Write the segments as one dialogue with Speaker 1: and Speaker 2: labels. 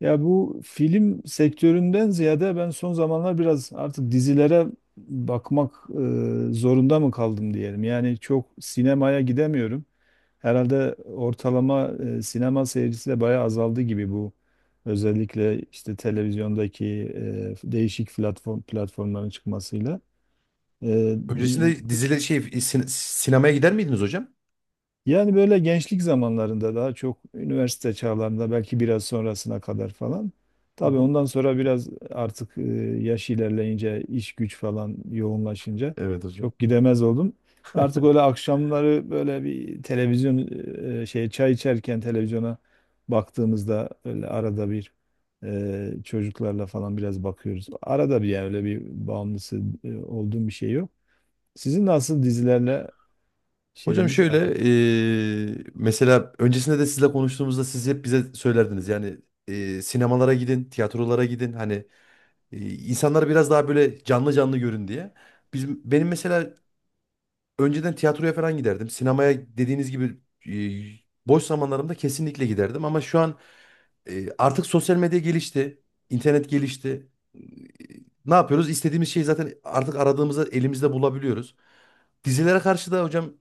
Speaker 1: Ya bu film sektöründen ziyade ben son zamanlar biraz artık dizilere bakmak zorunda mı kaldım diyelim. Yani çok sinemaya gidemiyorum. Herhalde ortalama sinema seyircisi de bayağı azaldı gibi bu. Özellikle işte televizyondaki değişik platformların çıkmasıyla. E,
Speaker 2: Öncesinde sinemaya gider miydiniz hocam?
Speaker 1: Yani böyle gençlik zamanlarında daha çok üniversite çağlarında belki biraz sonrasına kadar falan.
Speaker 2: Hı
Speaker 1: Tabii
Speaker 2: hı.
Speaker 1: ondan sonra biraz artık yaş ilerleyince iş güç falan yoğunlaşınca
Speaker 2: Evet hocam.
Speaker 1: çok gidemez oldum. Artık öyle akşamları böyle bir televizyon çay içerken televizyona baktığımızda öyle arada bir çocuklarla falan biraz bakıyoruz. Arada bir yani öyle bir bağımlısı olduğum bir şey yok. Sizin nasıl dizilerle
Speaker 2: Hocam
Speaker 1: şeyiniz.
Speaker 2: şöyle mesela öncesinde de sizle konuştuğumuzda siz hep bize söylerdiniz yani sinemalara gidin, tiyatrolara gidin, hani insanlar biraz daha böyle canlı canlı görün diye. Benim mesela önceden tiyatroya falan giderdim. Sinemaya dediğiniz gibi boş zamanlarımda kesinlikle giderdim. Ama şu an artık sosyal medya gelişti. İnternet gelişti. E, Ne yapıyoruz? İstediğimiz şeyi zaten artık aradığımızda elimizde bulabiliyoruz. Dizilere karşı da hocam,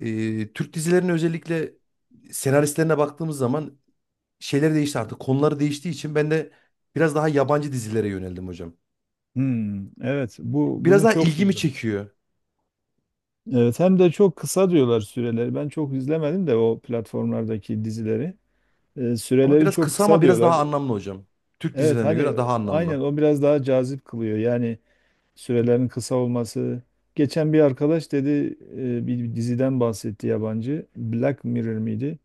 Speaker 2: Türk dizilerinin özellikle senaristlerine baktığımız zaman şeyler değişti artık. Konuları değiştiği için ben de biraz daha yabancı dizilere yöneldim hocam.
Speaker 1: Hmm, evet bu
Speaker 2: Biraz
Speaker 1: bunu
Speaker 2: daha
Speaker 1: çok
Speaker 2: ilgimi
Speaker 1: duydum.
Speaker 2: çekiyor.
Speaker 1: Evet, hem de çok kısa diyorlar süreleri. Ben çok izlemedim de o platformlardaki dizileri.
Speaker 2: Ama
Speaker 1: Süreleri
Speaker 2: biraz
Speaker 1: çok
Speaker 2: kısa,
Speaker 1: kısa
Speaker 2: ama biraz
Speaker 1: diyorlar.
Speaker 2: daha anlamlı hocam. Türk
Speaker 1: Evet,
Speaker 2: dizilerine
Speaker 1: hani
Speaker 2: göre daha
Speaker 1: aynen
Speaker 2: anlamlı.
Speaker 1: o biraz daha cazip kılıyor. Yani sürelerin kısa olması. Geçen bir arkadaş dedi bir diziden bahsetti yabancı. Black Mirror miydi?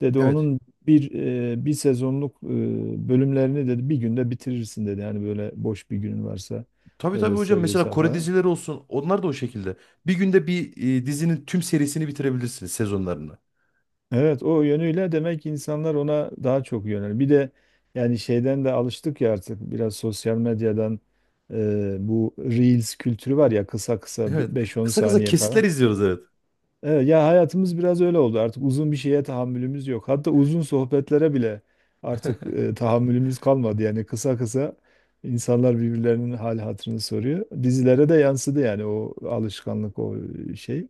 Speaker 1: Dedi
Speaker 2: Evet.
Speaker 1: onun bir bir sezonluk bölümlerini dedi bir günde bitirirsin dedi. Yani böyle boş bir günün varsa
Speaker 2: Tabii tabii
Speaker 1: öyle
Speaker 2: hocam, mesela
Speaker 1: seviyorsan
Speaker 2: Kore
Speaker 1: falan.
Speaker 2: dizileri olsun, onlar da o şekilde. Bir günde bir dizinin tüm serisini bitirebilirsiniz, sezonlarını.
Speaker 1: Evet, o yönüyle demek ki insanlar ona daha çok yönel. Bir de yani şeyden de alıştık ya artık biraz sosyal medyadan, bu Reels kültürü var ya kısa kısa
Speaker 2: Evet.
Speaker 1: 5-10
Speaker 2: Kısa kısa
Speaker 1: saniye falan.
Speaker 2: kesitler izliyoruz, evet.
Speaker 1: Evet, ya hayatımız biraz öyle oldu artık uzun bir şeye tahammülümüz yok. Hatta uzun sohbetlere bile artık tahammülümüz kalmadı. Yani kısa kısa insanlar birbirlerinin hal hatırını soruyor. Dizilere de yansıdı yani o alışkanlık o şey.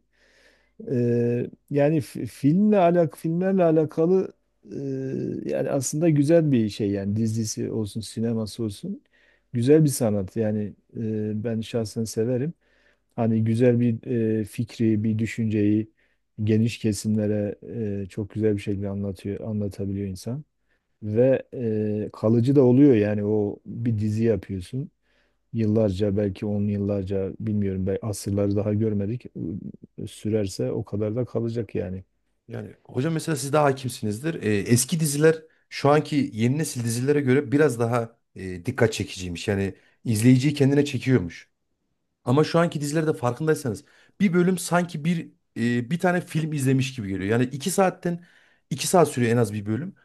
Speaker 1: Filmlerle alakalı, e, yani aslında güzel bir şey yani dizisi olsun sineması olsun güzel bir sanat yani, ben
Speaker 2: Hı.
Speaker 1: şahsen severim. Hani güzel bir fikri bir düşünceyi geniş kesimlere çok güzel bir şekilde anlatabiliyor insan ve kalıcı da oluyor. Yani o bir dizi yapıyorsun, yıllarca belki on yıllarca, bilmiyorum belki asırları daha görmedik, sürerse o kadar da kalacak yani.
Speaker 2: Yani hocam mesela siz daha hakimsinizdir. Eski diziler şu anki yeni nesil dizilere göre biraz daha dikkat çekiciymiş. Yani izleyiciyi kendine çekiyormuş. Ama şu anki dizilerde farkındaysanız bir bölüm sanki bir tane film izlemiş gibi geliyor. Yani iki saat sürüyor en az bir bölüm.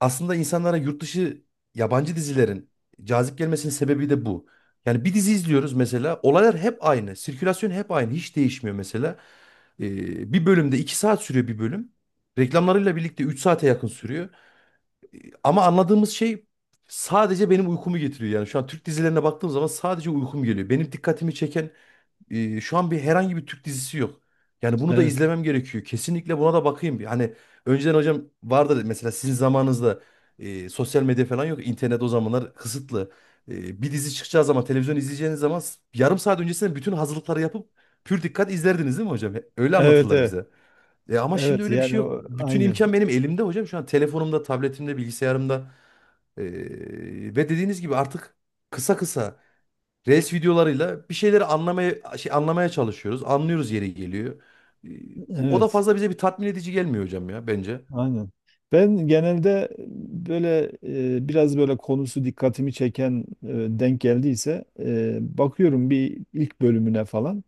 Speaker 2: Aslında insanlara yurt dışı yabancı dizilerin cazip gelmesinin sebebi de bu. Yani bir dizi izliyoruz mesela. Olaylar hep aynı. Sirkülasyon hep aynı. Hiç değişmiyor mesela. Bir bölümde 2 saat sürüyor bir bölüm. Reklamlarıyla birlikte 3 saate yakın sürüyor. Ee, Ama anladığımız şey sadece benim uykumu getiriyor. Yani şu an Türk dizilerine baktığım zaman sadece uykum geliyor. Benim dikkatimi çeken şu an herhangi bir Türk dizisi yok. Yani bunu da
Speaker 1: Evet.
Speaker 2: izlemem gerekiyor. Kesinlikle buna da bakayım bir. Hani önceden hocam vardı mesela, sizin zamanınızda sosyal medya falan yok. İnternet o zamanlar kısıtlı. Bir dizi çıkacağı zaman, televizyon izleyeceğiniz zaman yarım saat öncesinden bütün hazırlıkları yapıp pür dikkat izlerdiniz değil mi hocam? Öyle
Speaker 1: Evet,
Speaker 2: anlatırlar
Speaker 1: evet.
Speaker 2: bize. Ama şimdi
Speaker 1: Evet
Speaker 2: öyle bir şey
Speaker 1: yani
Speaker 2: yok.
Speaker 1: o,
Speaker 2: Bütün
Speaker 1: aynen.
Speaker 2: imkan benim elimde hocam. Şu an telefonumda, tabletimde, bilgisayarımda. E, Ve dediğiniz gibi artık kısa kısa. Reels videolarıyla bir şeyleri anlamaya çalışıyoruz. Anlıyoruz yeri geliyor. Ee, O da
Speaker 1: Evet.
Speaker 2: fazla bize bir tatmin edici gelmiyor hocam ya, bence.
Speaker 1: Aynen. Ben genelde böyle biraz böyle konusu dikkatimi çeken, denk geldiyse bakıyorum bir ilk bölümüne falan.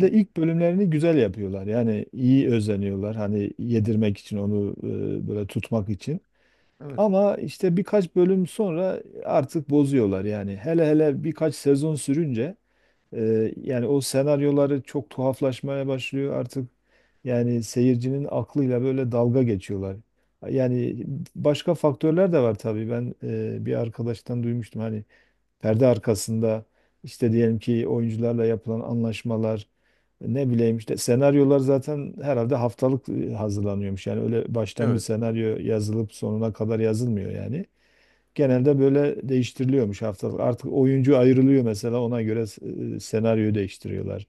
Speaker 2: Hı.
Speaker 1: ilk bölümlerini güzel yapıyorlar. Yani iyi özeniyorlar. Hani yedirmek için onu, böyle tutmak için.
Speaker 2: Evet.
Speaker 1: Ama işte birkaç bölüm sonra artık bozuyorlar yani. Hele hele birkaç sezon sürünce yani o senaryoları çok tuhaflaşmaya başlıyor artık. Yani seyircinin aklıyla böyle dalga geçiyorlar. Yani başka faktörler de var tabii. Ben bir arkadaştan duymuştum, hani perde arkasında işte diyelim ki oyuncularla yapılan anlaşmalar, ne bileyim işte senaryolar zaten herhalde haftalık hazırlanıyormuş. Yani öyle baştan bir
Speaker 2: Evet.
Speaker 1: senaryo yazılıp sonuna kadar yazılmıyor yani. Genelde böyle değiştiriliyormuş haftalık. Artık oyuncu ayrılıyor mesela, ona göre senaryoyu değiştiriyorlar.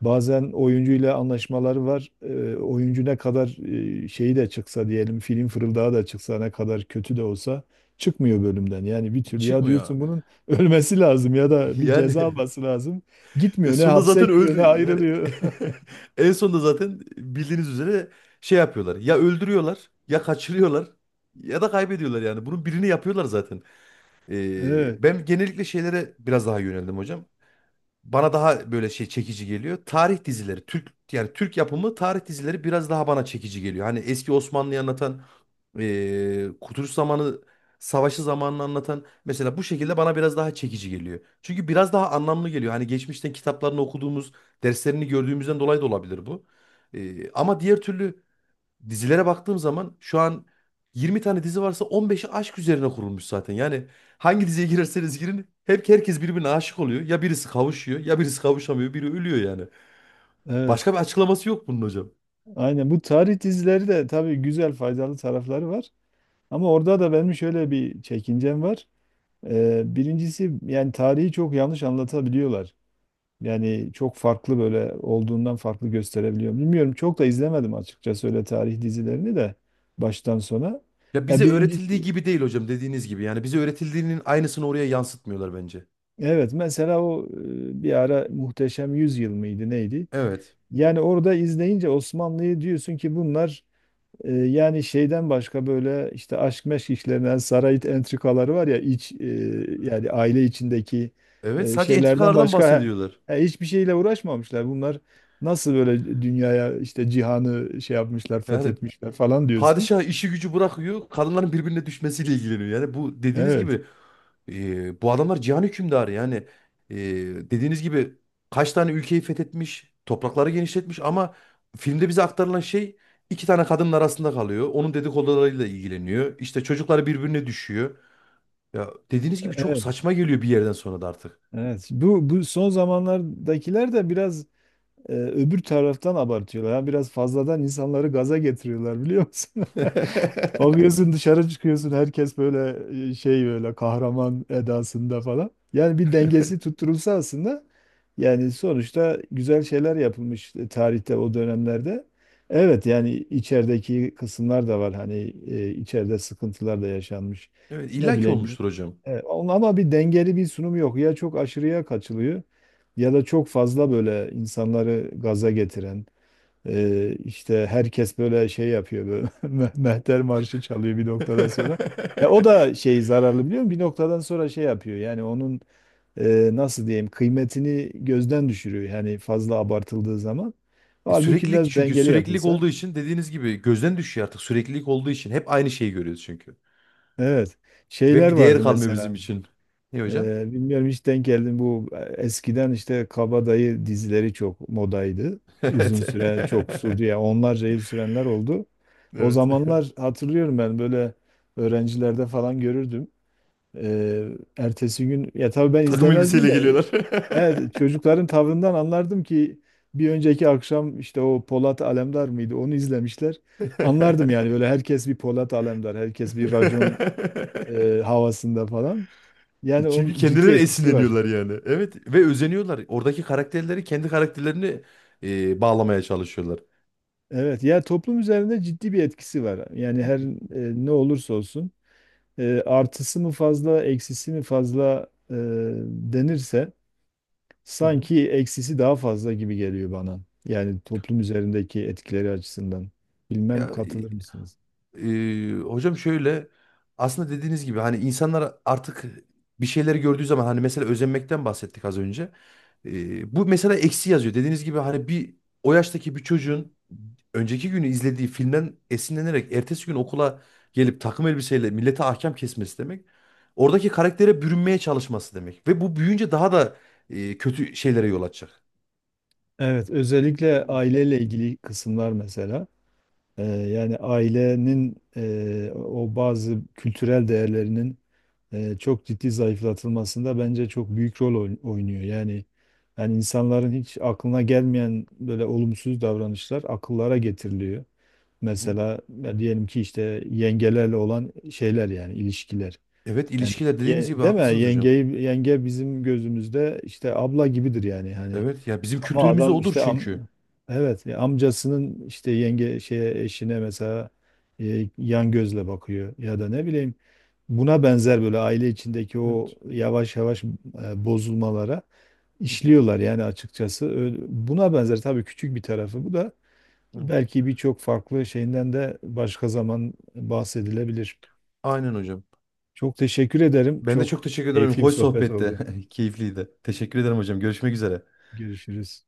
Speaker 1: Bazen oyuncuyla anlaşmaları var. E, oyuncu ne kadar e, şeyi de çıksa diyelim, film fırıldağı da çıksa, ne kadar kötü de olsa çıkmıyor bölümden. Yani bir türlü ya
Speaker 2: Çıkmıyor.
Speaker 1: diyorsun bunun ölmesi lazım ya da bir
Speaker 2: Yani,
Speaker 1: ceza alması lazım. Gitmiyor, ne
Speaker 2: sonunda
Speaker 1: hapse
Speaker 2: zaten
Speaker 1: gidiyor ne
Speaker 2: öldü. Yani
Speaker 1: ayrılıyor.
Speaker 2: en sonunda zaten bildiğiniz üzere şey yapıyorlar. Ya öldürüyorlar, ya kaçırıyorlar ya da kaybediyorlar yani. Bunun birini yapıyorlar zaten.
Speaker 1: Evet,
Speaker 2: Ben genellikle şeylere biraz daha yöneldim hocam. Bana daha böyle şey çekici geliyor. Tarih dizileri, Türk yapımı tarih dizileri biraz daha bana çekici geliyor. Hani eski Osmanlı'yı anlatan, Kurtuluş zamanı, savaşı zamanını anlatan, mesela bu şekilde bana biraz daha çekici geliyor. Çünkü biraz daha anlamlı geliyor. Hani geçmişten kitaplarını okuduğumuz, derslerini gördüğümüzden dolayı da olabilir bu. Ama diğer türlü dizilere baktığım zaman şu an 20 tane dizi varsa on beşi aşk üzerine kurulmuş zaten. Yani hangi diziye girerseniz girin hep herkes birbirine aşık oluyor. Ya birisi kavuşuyor, ya birisi kavuşamıyor, biri ölüyor yani.
Speaker 1: evet.
Speaker 2: Başka bir açıklaması yok bunun hocam.
Speaker 1: Aynen, bu tarih dizileri de tabii güzel, faydalı tarafları var. Ama orada da benim şöyle bir çekincem var. Birincisi yani tarihi çok yanlış anlatabiliyorlar. Yani çok farklı, böyle olduğundan farklı gösterebiliyor. Bilmiyorum, çok da izlemedim açıkçası öyle tarih dizilerini de baştan sona.
Speaker 2: Ya
Speaker 1: Ya
Speaker 2: bize
Speaker 1: birinci,
Speaker 2: öğretildiği gibi değil hocam, dediğiniz gibi. Yani bize öğretildiğinin aynısını oraya yansıtmıyorlar bence.
Speaker 1: evet mesela o bir ara Muhteşem Yüzyıl mıydı neydi?
Speaker 2: Evet.
Speaker 1: Yani orada izleyince Osmanlı'yı diyorsun ki bunlar, yani şeyden başka, böyle işte aşk meşk işlerinden, saray entrikaları var ya, iç, yani aile içindeki
Speaker 2: Evet, sadece
Speaker 1: şeylerden
Speaker 2: entrikalardan
Speaker 1: başka
Speaker 2: bahsediyorlar.
Speaker 1: he, hiçbir şeyle uğraşmamışlar. Bunlar nasıl böyle dünyaya işte cihanı şey yapmışlar,
Speaker 2: Yani
Speaker 1: fethetmişler falan diyorsun.
Speaker 2: padişah işi gücü bırakıyor. Kadınların birbirine düşmesiyle ilgileniyor. Yani bu dediğiniz
Speaker 1: Evet,
Speaker 2: gibi, bu adamlar cihan hükümdarı. Yani, e, dediğiniz gibi kaç tane ülkeyi fethetmiş, toprakları genişletmiş, ama filmde bize aktarılan şey iki tane kadının arasında kalıyor. Onun dedikodularıyla ilgileniyor. İşte çocukları birbirine düşüyor. Ya dediğiniz gibi çok
Speaker 1: evet,
Speaker 2: saçma geliyor bir yerden sonra da artık.
Speaker 1: evet. Bu son zamanlardakiler de biraz, öbür taraftan abartıyorlar. Yani biraz fazladan insanları gaza getiriyorlar biliyor musun? Bakıyorsun dışarı çıkıyorsun herkes böyle böyle kahraman edasında falan. Yani bir dengesi tutturulsa aslında, yani sonuçta güzel şeyler yapılmış tarihte o dönemlerde. Evet, yani içerideki kısımlar da var hani, içeride sıkıntılar da yaşanmış.
Speaker 2: Evet,
Speaker 1: Ne
Speaker 2: illaki
Speaker 1: bileyim.
Speaker 2: olmuştur hocam.
Speaker 1: Evet, ama bir dengeli bir sunum yok. Ya çok aşırıya kaçılıyor, ya da çok fazla böyle insanları gaza getiren, işte herkes böyle şey yapıyor, böyle Mehter Marşı çalıyor bir noktadan sonra. Ya o da şey, zararlı biliyor musun? Bir noktadan sonra şey yapıyor yani onun nasıl diyeyim, kıymetini gözden düşürüyor yani fazla abartıldığı zaman. Halbuki biraz dengeli
Speaker 2: Süreklilik
Speaker 1: yapılsa.
Speaker 2: olduğu için dediğiniz gibi gözden düşüyor artık, süreklilik olduğu için. Hep aynı şeyi görüyoruz çünkü.
Speaker 1: Evet.
Speaker 2: Ve
Speaker 1: Şeyler
Speaker 2: bir değer
Speaker 1: vardı
Speaker 2: kalmıyor bizim
Speaker 1: mesela.
Speaker 2: için. Ne hocam?
Speaker 1: Bilmiyorum hiç denk geldim, bu eskiden işte kabadayı dizileri çok modaydı. Uzun
Speaker 2: Evet.
Speaker 1: süre çok sürdü ya, onlarca yıl sürenler oldu. O
Speaker 2: Evet.
Speaker 1: zamanlar hatırlıyorum, ben böyle öğrencilerde falan görürdüm. Ee, Ertesi gün, ya tabii ben
Speaker 2: Takım
Speaker 1: izlemezdim
Speaker 2: elbiseyle
Speaker 1: de,
Speaker 2: geliyorlar.
Speaker 1: evet çocukların tavrından anlardım ki bir önceki akşam işte o Polat Alemdar mıydı onu izlemişler. Anlardım yani böyle herkes bir Polat Alemdar, herkes bir racon havasında falan. Yani
Speaker 2: Çünkü
Speaker 1: onun ciddi
Speaker 2: kendileri
Speaker 1: etkisi var.
Speaker 2: esinleniyorlar yani. Evet ve özeniyorlar. Oradaki karakterleri kendi karakterlerini bağlamaya çalışıyorlar.
Speaker 1: Evet, ya toplum üzerinde ciddi bir etkisi var. Yani
Speaker 2: Hı
Speaker 1: her ne olursa olsun artısı mı fazla, eksisi mi fazla denirse
Speaker 2: hı.
Speaker 1: sanki eksisi daha fazla gibi geliyor bana. Yani toplum üzerindeki etkileri açısından. Bilmem
Speaker 2: Ya.
Speaker 1: katılır mısınız?
Speaker 2: Hocam şöyle, aslında dediğiniz gibi hani insanlar artık bir şeyleri gördüğü zaman, hani mesela özenmekten bahsettik az önce. Bu mesela eksi yazıyor. Dediğiniz gibi hani bir o yaştaki bir çocuğun önceki günü izlediği filmden esinlenerek ertesi gün okula gelip takım elbiseyle millete ahkam kesmesi demek. Oradaki karaktere bürünmeye çalışması demek. Ve bu büyüyünce daha da kötü şeylere yol açacak.
Speaker 1: Evet, özellikle
Speaker 2: Yani.
Speaker 1: aileyle ilgili kısımlar mesela. Yani ailenin o bazı kültürel değerlerinin çok ciddi zayıflatılmasında bence çok büyük rol oynuyor. Yani insanların hiç aklına gelmeyen böyle olumsuz davranışlar akıllara getiriliyor.
Speaker 2: Hı.
Speaker 1: Mesela ya diyelim ki işte yengelerle olan şeyler yani ilişkiler.
Speaker 2: Evet,
Speaker 1: Yani
Speaker 2: ilişkiler dediğiniz gibi
Speaker 1: değil mi?
Speaker 2: haklısınız hocam.
Speaker 1: Yenge bizim gözümüzde işte abla gibidir yani. Hani
Speaker 2: Evet, ya bizim
Speaker 1: ama
Speaker 2: kültürümüzde
Speaker 1: adam
Speaker 2: odur
Speaker 1: işte am
Speaker 2: çünkü.
Speaker 1: evet, ya amcasının işte yenge şeye eşine mesela yan gözle bakıyor, ya da ne bileyim buna benzer böyle aile içindeki o
Speaker 2: Evet.
Speaker 1: yavaş yavaş bozulmalara
Speaker 2: Hı hı.
Speaker 1: işliyorlar yani açıkçası. Buna benzer tabii, küçük bir tarafı bu da,
Speaker 2: Evet.
Speaker 1: belki birçok farklı şeyinden de başka zaman bahsedilebilir.
Speaker 2: Aynen hocam.
Speaker 1: Çok teşekkür ederim.
Speaker 2: Ben de çok
Speaker 1: Çok
Speaker 2: teşekkür ederim.
Speaker 1: keyifli bir
Speaker 2: Hoş
Speaker 1: sohbet
Speaker 2: sohbette.
Speaker 1: oldu.
Speaker 2: Keyifliydi. Teşekkür ederim hocam. Görüşmek üzere.
Speaker 1: Görüşürüz.